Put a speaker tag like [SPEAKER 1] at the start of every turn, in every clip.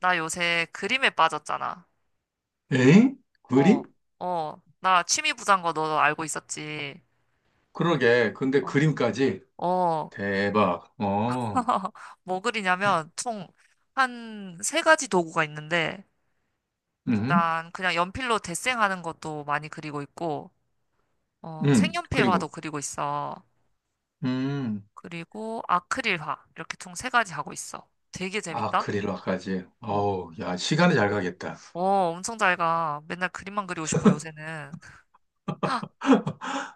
[SPEAKER 1] 나 요새 그림에 빠졌잖아.
[SPEAKER 2] 에잉?
[SPEAKER 1] 어,
[SPEAKER 2] 그림?
[SPEAKER 1] 어. 나 취미 부자인 거 너 알고 있었지.
[SPEAKER 2] 그러게. 근데
[SPEAKER 1] 어,
[SPEAKER 2] 그림까지.
[SPEAKER 1] 어.
[SPEAKER 2] 대박. 어.
[SPEAKER 1] 뭐 그리냐면 총 한 세 가지 도구가 있는데
[SPEAKER 2] 음.
[SPEAKER 1] 일단 그냥 연필로 데생하는 것도 많이 그리고 있고 어,
[SPEAKER 2] 음.
[SPEAKER 1] 색연필화도
[SPEAKER 2] 그리고.
[SPEAKER 1] 그리고 있어.
[SPEAKER 2] 음.
[SPEAKER 1] 그리고 아크릴화 이렇게 총 세 가지 하고 있어. 되게 재밌다.
[SPEAKER 2] 아크릴화까지.
[SPEAKER 1] 어,
[SPEAKER 2] 어우, 야, 시간이 잘 가겠다.
[SPEAKER 1] 어, 엄청 잘 가. 맨날 그림만 그리고 싶어 요새는.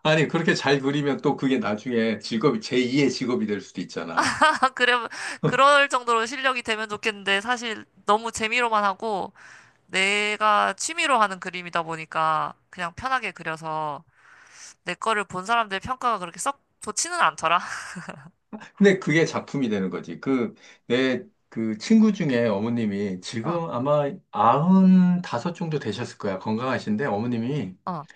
[SPEAKER 2] 아니, 그렇게 잘 그리면 또 그게 나중에 직업이, 제2의 직업이 될 수도 있잖아.
[SPEAKER 1] 그래, 그럴 정도로 실력이 되면 좋겠는데, 사실 너무 재미로만 하고, 내가 취미로 하는 그림이다 보니까, 그냥 편하게 그려서, 내 거를 본 사람들의 평가가 그렇게 썩 좋지는 않더라.
[SPEAKER 2] 근데 그게 작품이 되는 거지. 내, 그 친구 중에 어머님이
[SPEAKER 1] 어,
[SPEAKER 2] 지금 아마 95 정도 되셨을 거야. 건강하신데 어머님이
[SPEAKER 1] 어,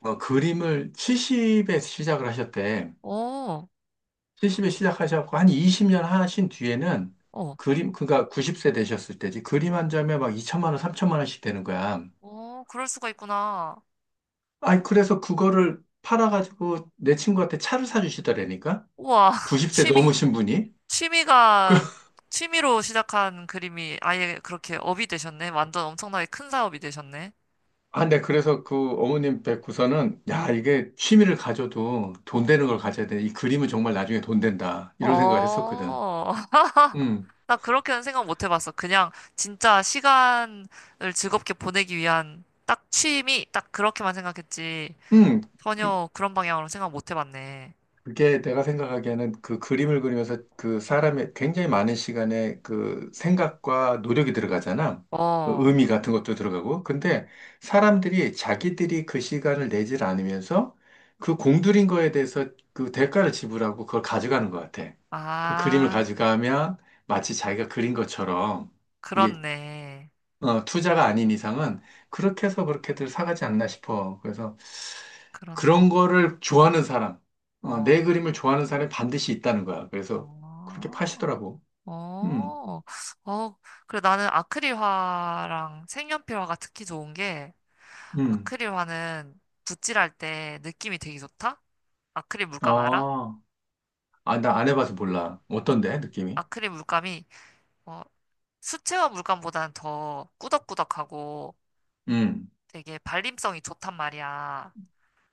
[SPEAKER 2] 그림을 70에 시작을 하셨대.
[SPEAKER 1] 오,
[SPEAKER 2] 70에 시작하셨고, 한 20년 하신 뒤에는
[SPEAKER 1] 어,
[SPEAKER 2] 그러니까 90세 되셨을 때지. 그림 한 점에 막 2천만 원, 3천만 원씩 되는 거야.
[SPEAKER 1] 오, 그럴 수가 있구나.
[SPEAKER 2] 아니, 그래서 그거를 팔아가지고 내 친구한테 차를 사주시더라니까?
[SPEAKER 1] 우와,
[SPEAKER 2] 90세
[SPEAKER 1] 취미,
[SPEAKER 2] 넘으신 분이? 그,
[SPEAKER 1] 취미가, 취미로 시작한 그림이 아예 그렇게 업이 되셨네. 완전 엄청나게 큰 사업이 되셨네.
[SPEAKER 2] 네, 그래서 그 어머님 뵙고서는, 야,
[SPEAKER 1] 어,
[SPEAKER 2] 이게 취미를 가져도 돈
[SPEAKER 1] 어,
[SPEAKER 2] 되는 걸 가져야 돼. 이 그림은 정말 나중에 돈 된다. 이런 생각을 했었거든.
[SPEAKER 1] 어.
[SPEAKER 2] 음,
[SPEAKER 1] 나 그렇게는 생각 못 해봤어. 그냥 진짜 시간을 즐겁게 보내기 위한 딱 취미, 딱 그렇게만 생각했지.
[SPEAKER 2] 음. 그
[SPEAKER 1] 전혀 그런 방향으로 생각 못 해봤네.
[SPEAKER 2] 그게 내가 생각하기에는 그 그림을 그리면서 그 사람의 굉장히 많은 시간에 그 생각과 노력이 들어가잖아. 그
[SPEAKER 1] 어,
[SPEAKER 2] 의미 같은 것도 들어가고. 근데 사람들이 자기들이 그 시간을 내질 않으면서 그 공들인 거에 대해서 그 대가를 지불하고 그걸 가져가는 것 같아. 그 그림을
[SPEAKER 1] 아,
[SPEAKER 2] 가져가면 마치 자기가 그린 것처럼 이게
[SPEAKER 1] 그렇네.
[SPEAKER 2] 투자가 아닌 이상은 그렇게 해서 그렇게들 사가지 않나 싶어. 그래서
[SPEAKER 1] 그렇네.
[SPEAKER 2] 그런 거를 좋아하는 사람, 내
[SPEAKER 1] 어,
[SPEAKER 2] 그림을 좋아하는 사람이 반드시 있다는 거야. 그래서 그렇게
[SPEAKER 1] 어,
[SPEAKER 2] 파시더라고. 음,
[SPEAKER 1] 어, 어. 그래, 나는 아크릴화랑 색연필화가 특히 좋은 게
[SPEAKER 2] 음.
[SPEAKER 1] 아크릴화는 붓질할 때 느낌이 되게 좋다? 아크릴 물감 알아?
[SPEAKER 2] 아, 아, 나 안 해봐서 몰라. 어떤데, 느낌이?
[SPEAKER 1] 아크릴 물감이 어, 수채화 물감보다는 더 꾸덕꾸덕하고
[SPEAKER 2] 음,
[SPEAKER 1] 되게 발림성이 좋단 말이야.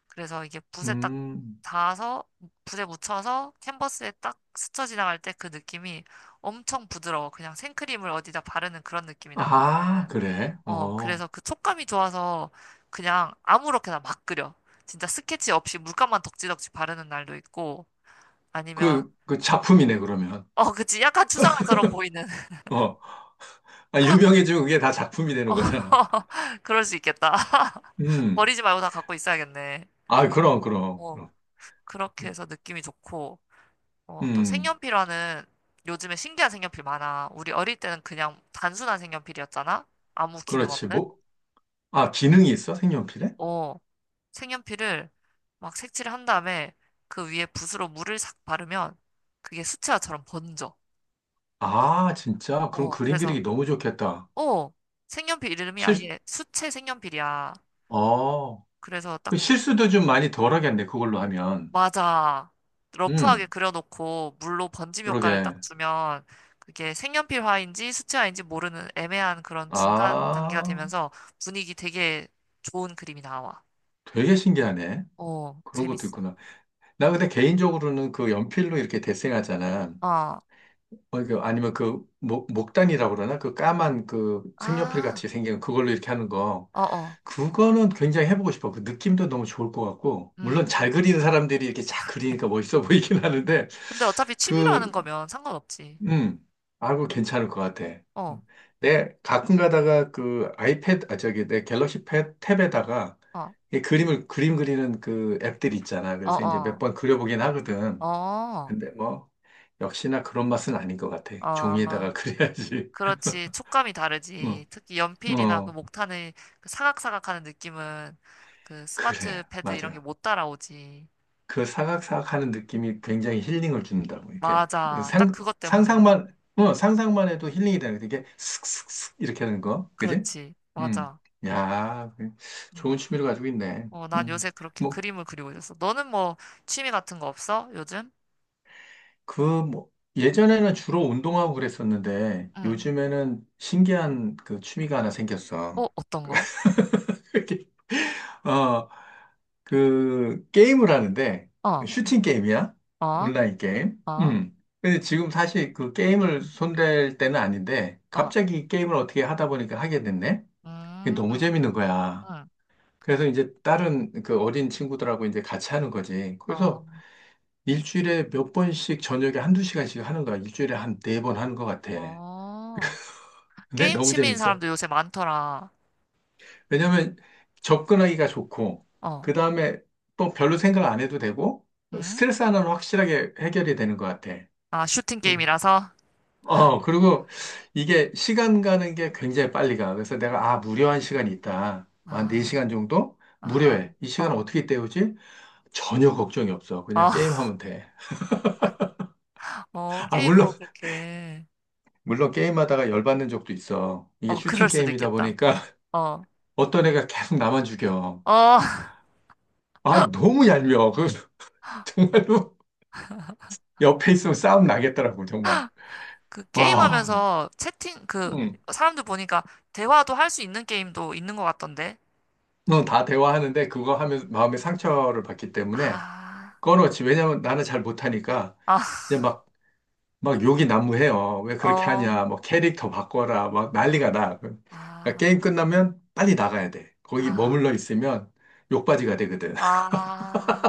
[SPEAKER 1] 그래서 이게 붓에 딱
[SPEAKER 2] 음.
[SPEAKER 1] 닿아서 붓에 묻혀서 캔버스에 딱 스쳐 지나갈 때 그 느낌이 엄청 부드러워. 그냥 생크림을 어디다 바르는 그런 느낌이 나거든.
[SPEAKER 2] 아, 그래?
[SPEAKER 1] 어,
[SPEAKER 2] 어.
[SPEAKER 1] 그래서 그 촉감이 좋아서 그냥 아무렇게나 막 그려. 진짜 스케치 없이 물감만 덕지덕지 바르는 날도 있고 아니면
[SPEAKER 2] 그 작품이네, 그러면.
[SPEAKER 1] 어, 그치. 약간 추상화처럼 보이는.
[SPEAKER 2] 어. 아, 유명해지면 그게 다 작품이 되는
[SPEAKER 1] 어,
[SPEAKER 2] 거잖아.
[SPEAKER 1] 그럴 수 있겠다.
[SPEAKER 2] 음.
[SPEAKER 1] 버리지 말고 다 갖고 있어야겠네.
[SPEAKER 2] 아, 그럼, 그럼,
[SPEAKER 1] 어,
[SPEAKER 2] 그럼.
[SPEAKER 1] 그렇게 해서 느낌이 좋고, 어, 또
[SPEAKER 2] 음.
[SPEAKER 1] 색연필화는 요즘에 신기한 색연필 많아. 우리 어릴 때는 그냥 단순한 색연필이었잖아? 아무 기능
[SPEAKER 2] 그렇지.
[SPEAKER 1] 없는?
[SPEAKER 2] 뭐, 아, 기능이 있어? 색연필에?
[SPEAKER 1] 어, 색연필을 막 색칠을 한 다음에 그 위에 붓으로 물을 싹 바르면 그게 수채화처럼 번져.
[SPEAKER 2] 아, 진짜? 그럼
[SPEAKER 1] 어,
[SPEAKER 2] 그림
[SPEAKER 1] 그래서,
[SPEAKER 2] 그리기 너무 좋겠다.
[SPEAKER 1] 어, 색연필 이름이
[SPEAKER 2] 실,
[SPEAKER 1] 아예 수채 색연필이야.
[SPEAKER 2] 어,
[SPEAKER 1] 그래서
[SPEAKER 2] 그
[SPEAKER 1] 딱
[SPEAKER 2] 실수도 좀 많이 덜 하겠네, 그걸로 하면.
[SPEAKER 1] 맞아. 러프하게
[SPEAKER 2] 음,
[SPEAKER 1] 그려놓고 물로 번짐 효과를 딱
[SPEAKER 2] 그러게.
[SPEAKER 1] 주면 그게 색연필 화인지 수채 화인지 모르는 애매한 그런 중간 단계가
[SPEAKER 2] 아,
[SPEAKER 1] 되면서 분위기 되게 좋은 그림이 나와.
[SPEAKER 2] 되게 신기하네.
[SPEAKER 1] 어,
[SPEAKER 2] 그런 것도
[SPEAKER 1] 재밌어.
[SPEAKER 2] 있구나. 나 근데 개인적으로는 그 연필로 이렇게 데생하잖아.
[SPEAKER 1] 어,
[SPEAKER 2] 이거 아니면 목단이라고 그러나? 그 까만 그 색연필
[SPEAKER 1] 아,
[SPEAKER 2] 같이 생긴 그걸로 이렇게 하는 거.
[SPEAKER 1] 어, 어,
[SPEAKER 2] 그거는 굉장히 해보고 싶어. 그 느낌도 너무 좋을 것 같고. 물론
[SPEAKER 1] 음. 그-
[SPEAKER 2] 잘 그리는 사람들이 이렇게 잘 그리니까 멋있어 보이긴 하는데,
[SPEAKER 1] 근데 어차피 취미로
[SPEAKER 2] 그,
[SPEAKER 1] 하는 거면 상관없지.
[SPEAKER 2] 음, 아, 그 괜찮을 것 같아.
[SPEAKER 1] 어,
[SPEAKER 2] 내 가끔 가다가 그 아이패드, 아, 저기 내 갤럭시 탭에다가
[SPEAKER 1] 어,
[SPEAKER 2] 그림 그리는 그 앱들이 있잖아.
[SPEAKER 1] 어,
[SPEAKER 2] 그래서 이제 몇
[SPEAKER 1] 어,
[SPEAKER 2] 번 그려보긴 하거든.
[SPEAKER 1] 어,
[SPEAKER 2] 근데 뭐 역시나 그런 맛은 아닌 것 같아.
[SPEAKER 1] 어,
[SPEAKER 2] 종이에다가 그려야지.
[SPEAKER 1] 그렇지. 촉감이 다르지. 특히
[SPEAKER 2] 어,
[SPEAKER 1] 연필이나 그
[SPEAKER 2] 어,
[SPEAKER 1] 목탄의 그 사각사각하는 느낌은 그 스마트
[SPEAKER 2] 그래,
[SPEAKER 1] 패드 이런 게
[SPEAKER 2] 맞아.
[SPEAKER 1] 못 따라오지.
[SPEAKER 2] 그 사각사각하는 느낌이 굉장히 힐링을 준다고. 이렇게
[SPEAKER 1] 맞아. 딱
[SPEAKER 2] 상
[SPEAKER 1] 그것 때문에.
[SPEAKER 2] 상상만 어 상상만 해도 힐링이 되는 거. 이게 슥슥슥 이렇게 하는 거, 그지?
[SPEAKER 1] 그렇지.
[SPEAKER 2] 음,
[SPEAKER 1] 맞아.
[SPEAKER 2] 야, 그
[SPEAKER 1] 어,
[SPEAKER 2] 좋은 취미를 가지고 있네.
[SPEAKER 1] 어, 난 요새 그렇게
[SPEAKER 2] 뭐
[SPEAKER 1] 그림을 그리고 있었어. 너는 뭐 취미 같은 거 없어? 요즘?
[SPEAKER 2] 그 뭐 예전에는 주로 운동하고 그랬었는데
[SPEAKER 1] 응.
[SPEAKER 2] 요즘에는 신기한 그 취미가 하나 생겼어.
[SPEAKER 1] 어, 어떤 거?
[SPEAKER 2] 이렇게 어. 그 게임을 하는데
[SPEAKER 1] 어,
[SPEAKER 2] 슈팅 게임이야.
[SPEAKER 1] 어,
[SPEAKER 2] 온라인 게임.
[SPEAKER 1] 어,
[SPEAKER 2] 음. 근데 지금 사실 그 게임을 손댈 때는 아닌데
[SPEAKER 1] 어.
[SPEAKER 2] 갑자기 게임을 어떻게 하다 보니까 하게 됐네. 그게
[SPEAKER 1] 음,
[SPEAKER 2] 너무 재밌는 거야.
[SPEAKER 1] 응.
[SPEAKER 2] 그래서 이제 다른 그 어린 친구들하고 이제 같이 하는 거지.
[SPEAKER 1] 어,
[SPEAKER 2] 그래서 일주일에 몇 번씩 저녁에 한 두 시간씩 하는 거야. 일주일에 한 네 번 하는 것 같아.
[SPEAKER 1] 어.
[SPEAKER 2] 근데
[SPEAKER 1] 게임
[SPEAKER 2] 너무
[SPEAKER 1] 취미인
[SPEAKER 2] 재밌어.
[SPEAKER 1] 사람도 요새 많더라.
[SPEAKER 2] 왜냐면 접근하기가 좋고,
[SPEAKER 1] 어,
[SPEAKER 2] 그 다음에 또 별로 생각 안 해도 되고,
[SPEAKER 1] 응?
[SPEAKER 2] 스트레스 하나는 확실하게 해결이 되는 것 같아.
[SPEAKER 1] 아, 슈팅
[SPEAKER 2] 그-
[SPEAKER 1] 게임이라서?
[SPEAKER 2] 그리고 이게 시간 가는 게 굉장히 빨리 가. 그래서 내가, 아, 무료한 시간이 있다. 한
[SPEAKER 1] 아.
[SPEAKER 2] 4시간 정도?
[SPEAKER 1] 아,
[SPEAKER 2] 무료해. 이 시간
[SPEAKER 1] 어,
[SPEAKER 2] 어떻게 때우지? 전혀 걱정이 없어. 그냥
[SPEAKER 1] 아,
[SPEAKER 2] 게임하면 돼.
[SPEAKER 1] 어,
[SPEAKER 2] 아,
[SPEAKER 1] 게임으로 그렇게.
[SPEAKER 2] 물론 게임하다가 열받는 적도 있어. 이게
[SPEAKER 1] 어,
[SPEAKER 2] 슈팅
[SPEAKER 1] 그럴 수도
[SPEAKER 2] 게임이다
[SPEAKER 1] 있겠다.
[SPEAKER 2] 보니까
[SPEAKER 1] 어,
[SPEAKER 2] 어떤 애가 계속 나만 죽여.
[SPEAKER 1] 어,
[SPEAKER 2] 아, 너무 얄미워. 정말로. 옆에 있으면 싸움 나겠더라고, 정말.
[SPEAKER 1] 그
[SPEAKER 2] 와,
[SPEAKER 1] 게임하면서 채팅, 그,
[SPEAKER 2] 응.
[SPEAKER 1] 사람들 보니까 대화도 할 수 있는 게임도 있는 것 같던데.
[SPEAKER 2] 응, 다 대화하는데 그거 하면 마음의 상처를 받기 때문에
[SPEAKER 1] 아,
[SPEAKER 2] 꺼놓지. 왜냐면 나는 잘 못하니까
[SPEAKER 1] 아,
[SPEAKER 2] 이제 막, 욕이 난무해요. 왜 그렇게 하냐.
[SPEAKER 1] 어,
[SPEAKER 2] 뭐 캐릭터 바꿔라. 막
[SPEAKER 1] 아,
[SPEAKER 2] 난리가 나. 그러니까 게임
[SPEAKER 1] 아,
[SPEAKER 2] 끝나면 빨리 나가야 돼. 거기
[SPEAKER 1] 아,
[SPEAKER 2] 머물러 있으면 욕받이가 되거든.
[SPEAKER 1] 아.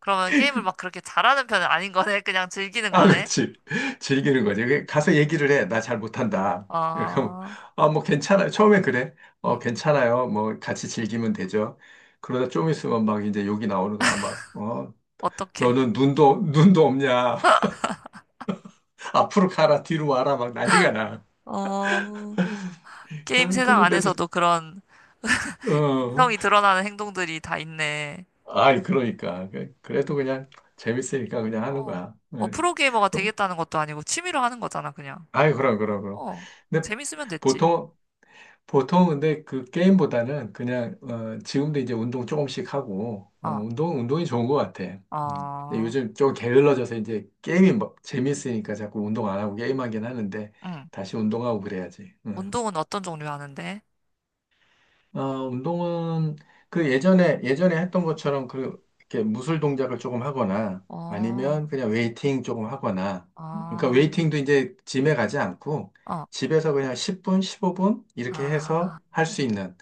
[SPEAKER 1] 그러면 게임을 막 그렇게 잘하는 편은 아닌 거네. 그냥 즐기는
[SPEAKER 2] 아,
[SPEAKER 1] 거네.
[SPEAKER 2] 그치. 즐기는 거지. 그
[SPEAKER 1] 어,
[SPEAKER 2] 가서 얘기를 해. 나 잘 못한다. 그럼,
[SPEAKER 1] 어,
[SPEAKER 2] 아, 뭐 괜찮아요. 처음엔 그래. 어,
[SPEAKER 1] 음,
[SPEAKER 2] 괜찮아요. 뭐 같이 즐기면 되죠. 그러다 좀 있으면 막 이제 욕이 나오는 거야.
[SPEAKER 1] 어떻게
[SPEAKER 2] 너는 눈도 없냐. 앞으로 가라, 뒤로 와라. 막 난리가 나.
[SPEAKER 1] 어, 게임 세상
[SPEAKER 2] 그런데도,
[SPEAKER 1] 안에서도 그런
[SPEAKER 2] 어,
[SPEAKER 1] 인성이 드러나는 행동들이 다 있네.
[SPEAKER 2] 아이, 그러니까. 그래도 그냥 재밌으니까 그냥 하는
[SPEAKER 1] 어,
[SPEAKER 2] 거야.
[SPEAKER 1] 뭐
[SPEAKER 2] 예.
[SPEAKER 1] 프로게이머가
[SPEAKER 2] 그럼,
[SPEAKER 1] 되겠다는 것도 아니고 취미로 하는 거잖아, 그냥.
[SPEAKER 2] 아이, 그럼, 그럼, 그럼.
[SPEAKER 1] 어,
[SPEAKER 2] 근데
[SPEAKER 1] 재밌으면 됐지.
[SPEAKER 2] 보통, 근데 그 게임보다는 그냥 지금도 이제 운동 조금씩 하고
[SPEAKER 1] 아,
[SPEAKER 2] 운동이 좋은 것 같아. 음. 근데
[SPEAKER 1] 아,
[SPEAKER 2] 요즘 좀 게을러져서 이제 게임이 뭐 재밌으니까 자꾸 운동 안 하고 게임하긴 하는데
[SPEAKER 1] 응.
[SPEAKER 2] 다시 운동하고 그래야지. 음.
[SPEAKER 1] 운동은 어떤 종류 하는데?
[SPEAKER 2] 어, 운동은 그 예전에 했던 것처럼 그 이렇게 무술 동작을 조금 하거나
[SPEAKER 1] 어,
[SPEAKER 2] 아니면 그냥 웨이팅 조금 하거나 그러니까
[SPEAKER 1] 아,
[SPEAKER 2] 웨이팅도 이제 짐에 가지 않고
[SPEAKER 1] 어,
[SPEAKER 2] 집에서 그냥 10분, 15분 이렇게
[SPEAKER 1] 아,
[SPEAKER 2] 해서 할 수 있는.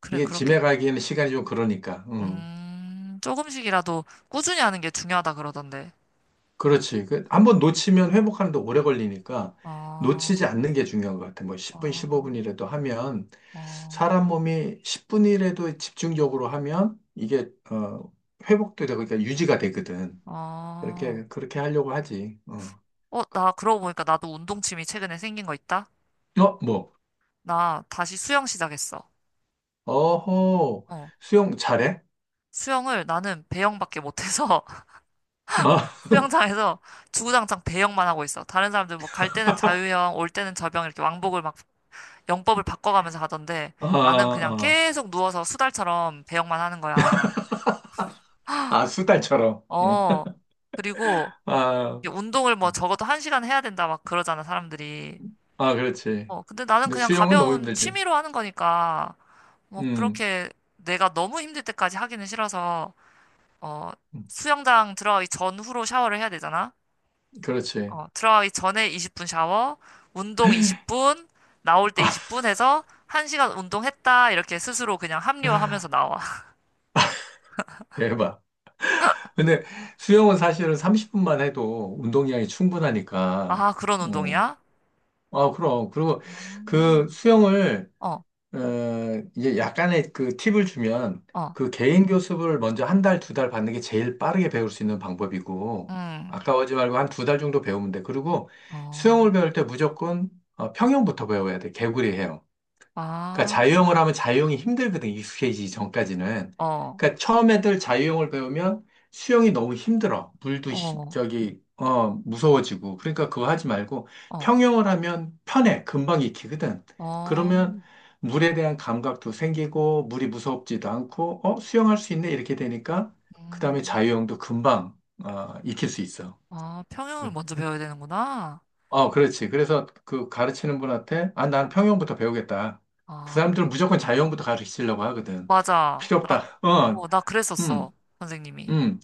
[SPEAKER 1] 그래,
[SPEAKER 2] 이게
[SPEAKER 1] 그렇게,
[SPEAKER 2] 짐에 가기에는 시간이 좀 그러니까. 음.
[SPEAKER 1] 조금씩이라도 꾸준히 하는 게 중요하다 그러던데.
[SPEAKER 2] 그렇지. 그
[SPEAKER 1] 어,
[SPEAKER 2] 한번 놓치면 회복하는데 오래 걸리니까
[SPEAKER 1] 어,
[SPEAKER 2] 놓치지 않는 게 중요한 것 같아. 뭐 10분,
[SPEAKER 1] 어,
[SPEAKER 2] 15분이라도 하면
[SPEAKER 1] 어,
[SPEAKER 2] 사람 몸이 10분이라도 집중적으로 하면 이게 회복도 되고 그러니까 유지가 되거든.
[SPEAKER 1] 어,
[SPEAKER 2] 그렇게 그렇게 하려고 하지. 어.
[SPEAKER 1] 어, 나 그러고 보니까 나도 운동 취미 최근에 생긴 거 있다?
[SPEAKER 2] 어, 뭐.
[SPEAKER 1] 나 다시 수영 시작했어.
[SPEAKER 2] 어허.
[SPEAKER 1] 어,
[SPEAKER 2] 수영 잘해?
[SPEAKER 1] 수영을 나는 배영밖에 못해서
[SPEAKER 2] 아,
[SPEAKER 1] 수영장에서 주구장창 배영만 하고 있어. 다른 사람들 뭐 갈 때는 자유형, 올 때는 접영 이렇게 왕복을 막 영법을 바꿔가면서 하던데
[SPEAKER 2] 아,
[SPEAKER 1] 나는 그냥
[SPEAKER 2] 아.
[SPEAKER 1] 계속 누워서 수달처럼 배영만 하는 거야.
[SPEAKER 2] 아, 수달처럼. 응.
[SPEAKER 1] 어. 그리고
[SPEAKER 2] 아,
[SPEAKER 1] 이게 운동을 뭐 적어도 한 시간 해야 된다 막 그러잖아, 사람들이.
[SPEAKER 2] 아, 그렇지.
[SPEAKER 1] 어. 근데 나는
[SPEAKER 2] 근데
[SPEAKER 1] 그냥
[SPEAKER 2] 수영은 너무
[SPEAKER 1] 가벼운
[SPEAKER 2] 힘들지.
[SPEAKER 1] 취미로 하는 거니까 뭐
[SPEAKER 2] 음.
[SPEAKER 1] 그렇게 내가 너무 힘들 때까지 하기는 싫어서 어. 수영장 들어가기 전후로 샤워를 해야 되잖아.
[SPEAKER 2] 그렇지.
[SPEAKER 1] 어, 들어가기 전에 20분 샤워, 운동 20분, 나올 때
[SPEAKER 2] 아,
[SPEAKER 1] 20분 해서 1시간 운동했다. 이렇게 스스로 그냥 합리화하면서 나와.
[SPEAKER 2] 대박. 근데 수영은 사실은 30분만 해도 운동량이 충분하니까.
[SPEAKER 1] 아, 그런
[SPEAKER 2] 어.
[SPEAKER 1] 운동이야?
[SPEAKER 2] 아, 그럼. 그리고 그
[SPEAKER 1] 음.
[SPEAKER 2] 수영을,
[SPEAKER 1] 어,
[SPEAKER 2] 어, 이제 약간의 그 팁을 주면
[SPEAKER 1] 어,
[SPEAKER 2] 그 개인 교습을 먼저 한 달, 두 달 받는 게 제일 빠르게 배울 수 있는 방법이고,
[SPEAKER 1] 음,
[SPEAKER 2] 아까워하지 말고 한 두 달 정도 배우면 돼. 그리고
[SPEAKER 1] 어,
[SPEAKER 2] 수영을 배울 때 무조건 평영부터 배워야 돼. 개구리 헤엄. 그러니까
[SPEAKER 1] 아,
[SPEAKER 2] 자유형을 하면 자유형이 힘들거든, 익숙해지기 전까지는.
[SPEAKER 1] 어,
[SPEAKER 2] 그러니까 처음 애들 자유형을 배우면 수영이 너무 힘들어. 물도 시-
[SPEAKER 1] 어,
[SPEAKER 2] 저기 어 무서워지고. 그러니까 그거 하지 말고
[SPEAKER 1] 어,
[SPEAKER 2] 평형을 하면 편해. 금방 익히거든.
[SPEAKER 1] 어,
[SPEAKER 2] 그러면 물에 대한 감각도 생기고 물이 무섭지도 않고 수영할 수 있네 이렇게 되니까 그다음에
[SPEAKER 1] 음,
[SPEAKER 2] 자유형도 금방 익힐 수 있어.
[SPEAKER 1] 아, 평형을
[SPEAKER 2] 응.
[SPEAKER 1] 먼저 배워야 되는구나.
[SPEAKER 2] 어, 그렇지. 그래서 그 가르치는 분한테, 아, 나는
[SPEAKER 1] 어,
[SPEAKER 2] 평형부터 배우겠다. 그
[SPEAKER 1] 아,
[SPEAKER 2] 사람들은 무조건 자형부터 가르치려고 하거든.
[SPEAKER 1] 맞아.
[SPEAKER 2] 필요 없다.
[SPEAKER 1] 어, 나 그랬었어.
[SPEAKER 2] 음,
[SPEAKER 1] 선생님이.
[SPEAKER 2] 음.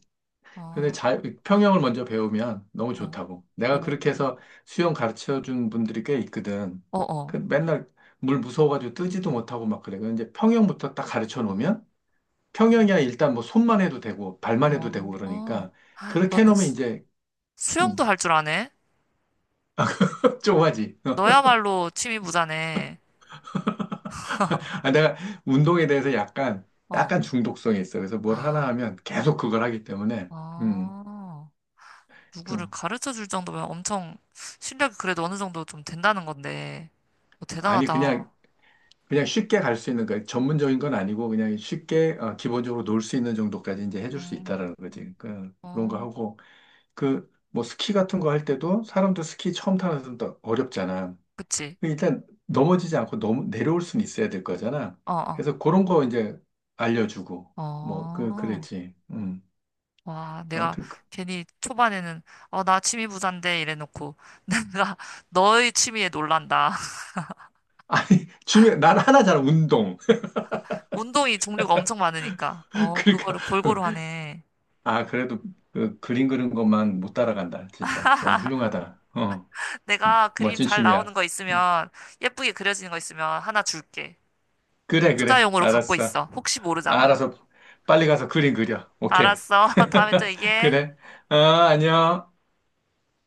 [SPEAKER 2] 근데
[SPEAKER 1] 아,
[SPEAKER 2] 평형을 먼저 배우면 너무
[SPEAKER 1] 어,
[SPEAKER 2] 좋다고. 내가
[SPEAKER 1] 어,
[SPEAKER 2] 그렇게 해서 수영 가르쳐 준 분들이 꽤 있거든.
[SPEAKER 1] 어, 어,
[SPEAKER 2] 그 맨날 물 무서워가지고 뜨지도 못하고 막 그래. 근데 이제 평형부터 딱 가르쳐 놓으면 평형이야 일단 뭐 손만 해도 되고 발만 해도
[SPEAKER 1] 어.
[SPEAKER 2] 되고 그러니까 그렇게
[SPEAKER 1] 너는
[SPEAKER 2] 해놓으면
[SPEAKER 1] 수,
[SPEAKER 2] 이제 음,
[SPEAKER 1] 수영도 할 줄 아네?
[SPEAKER 2] 좁아지.
[SPEAKER 1] 너야말로 취미 부자네.
[SPEAKER 2] 아, 내가 운동에 대해서 약간,
[SPEAKER 1] 어.
[SPEAKER 2] 중독성이 있어. 그래서 뭘 하나
[SPEAKER 1] 아,
[SPEAKER 2] 하면 계속 그걸 하기 때문에, 음,
[SPEAKER 1] 어.
[SPEAKER 2] 그,
[SPEAKER 1] 누구를 가르쳐 줄 정도면 엄청 실력이 그래도 어느 정도 좀 된다는 건데. 어,
[SPEAKER 2] 아니, 그냥,
[SPEAKER 1] 대단하다.
[SPEAKER 2] 쉽게 갈 수 있는 거, 전문적인 건 아니고, 그냥 쉽게, 기본적으로 놀 수 있는 정도까지 이제 해줄 수
[SPEAKER 1] 음,
[SPEAKER 2] 있다라는 거지. 그런 거
[SPEAKER 1] 어,
[SPEAKER 2] 하고, 뭐, 스키 같은 거 할 때도, 사람도 스키 처음 타는 사람도 어렵잖아.
[SPEAKER 1] 그치.
[SPEAKER 2] 그 일단, 넘어지지 않고 너무 내려올 수는 있어야 될 거잖아.
[SPEAKER 1] 어, 어,
[SPEAKER 2] 그래서 그런 거 이제 알려주고,
[SPEAKER 1] 어.
[SPEAKER 2] 그랬지.
[SPEAKER 1] 와, 내가
[SPEAKER 2] 아무튼.
[SPEAKER 1] 괜히 초반에는, 어, 나 취미 부자인데, 이래놓고. 내가 너의 취미에 놀란다.
[SPEAKER 2] 아니, 난 하나잖아, 운동.
[SPEAKER 1] 운동이 종류가 엄청 많으니까. 어,
[SPEAKER 2] 그러니까,
[SPEAKER 1] 그거를 골고루 하네.
[SPEAKER 2] 아, 그래도 그 그림 그리는 것만 못 따라간다. 진짜. 너무 훌륭하다. 어, 뭐,
[SPEAKER 1] 내가 그림
[SPEAKER 2] 멋진
[SPEAKER 1] 잘 나오는
[SPEAKER 2] 춤이야.
[SPEAKER 1] 거 있으면, 예쁘게 그려지는 거 있으면 하나 줄게.
[SPEAKER 2] 그래, 그래.
[SPEAKER 1] 투자용으로 갖고
[SPEAKER 2] 알았어.
[SPEAKER 1] 있어. 혹시
[SPEAKER 2] 아,
[SPEAKER 1] 모르잖아.
[SPEAKER 2] 알아서 빨리 가서 그림 그려. 오케이.
[SPEAKER 1] 알았어. 다음에 또 얘기해.
[SPEAKER 2] 그래. 어, 안녕.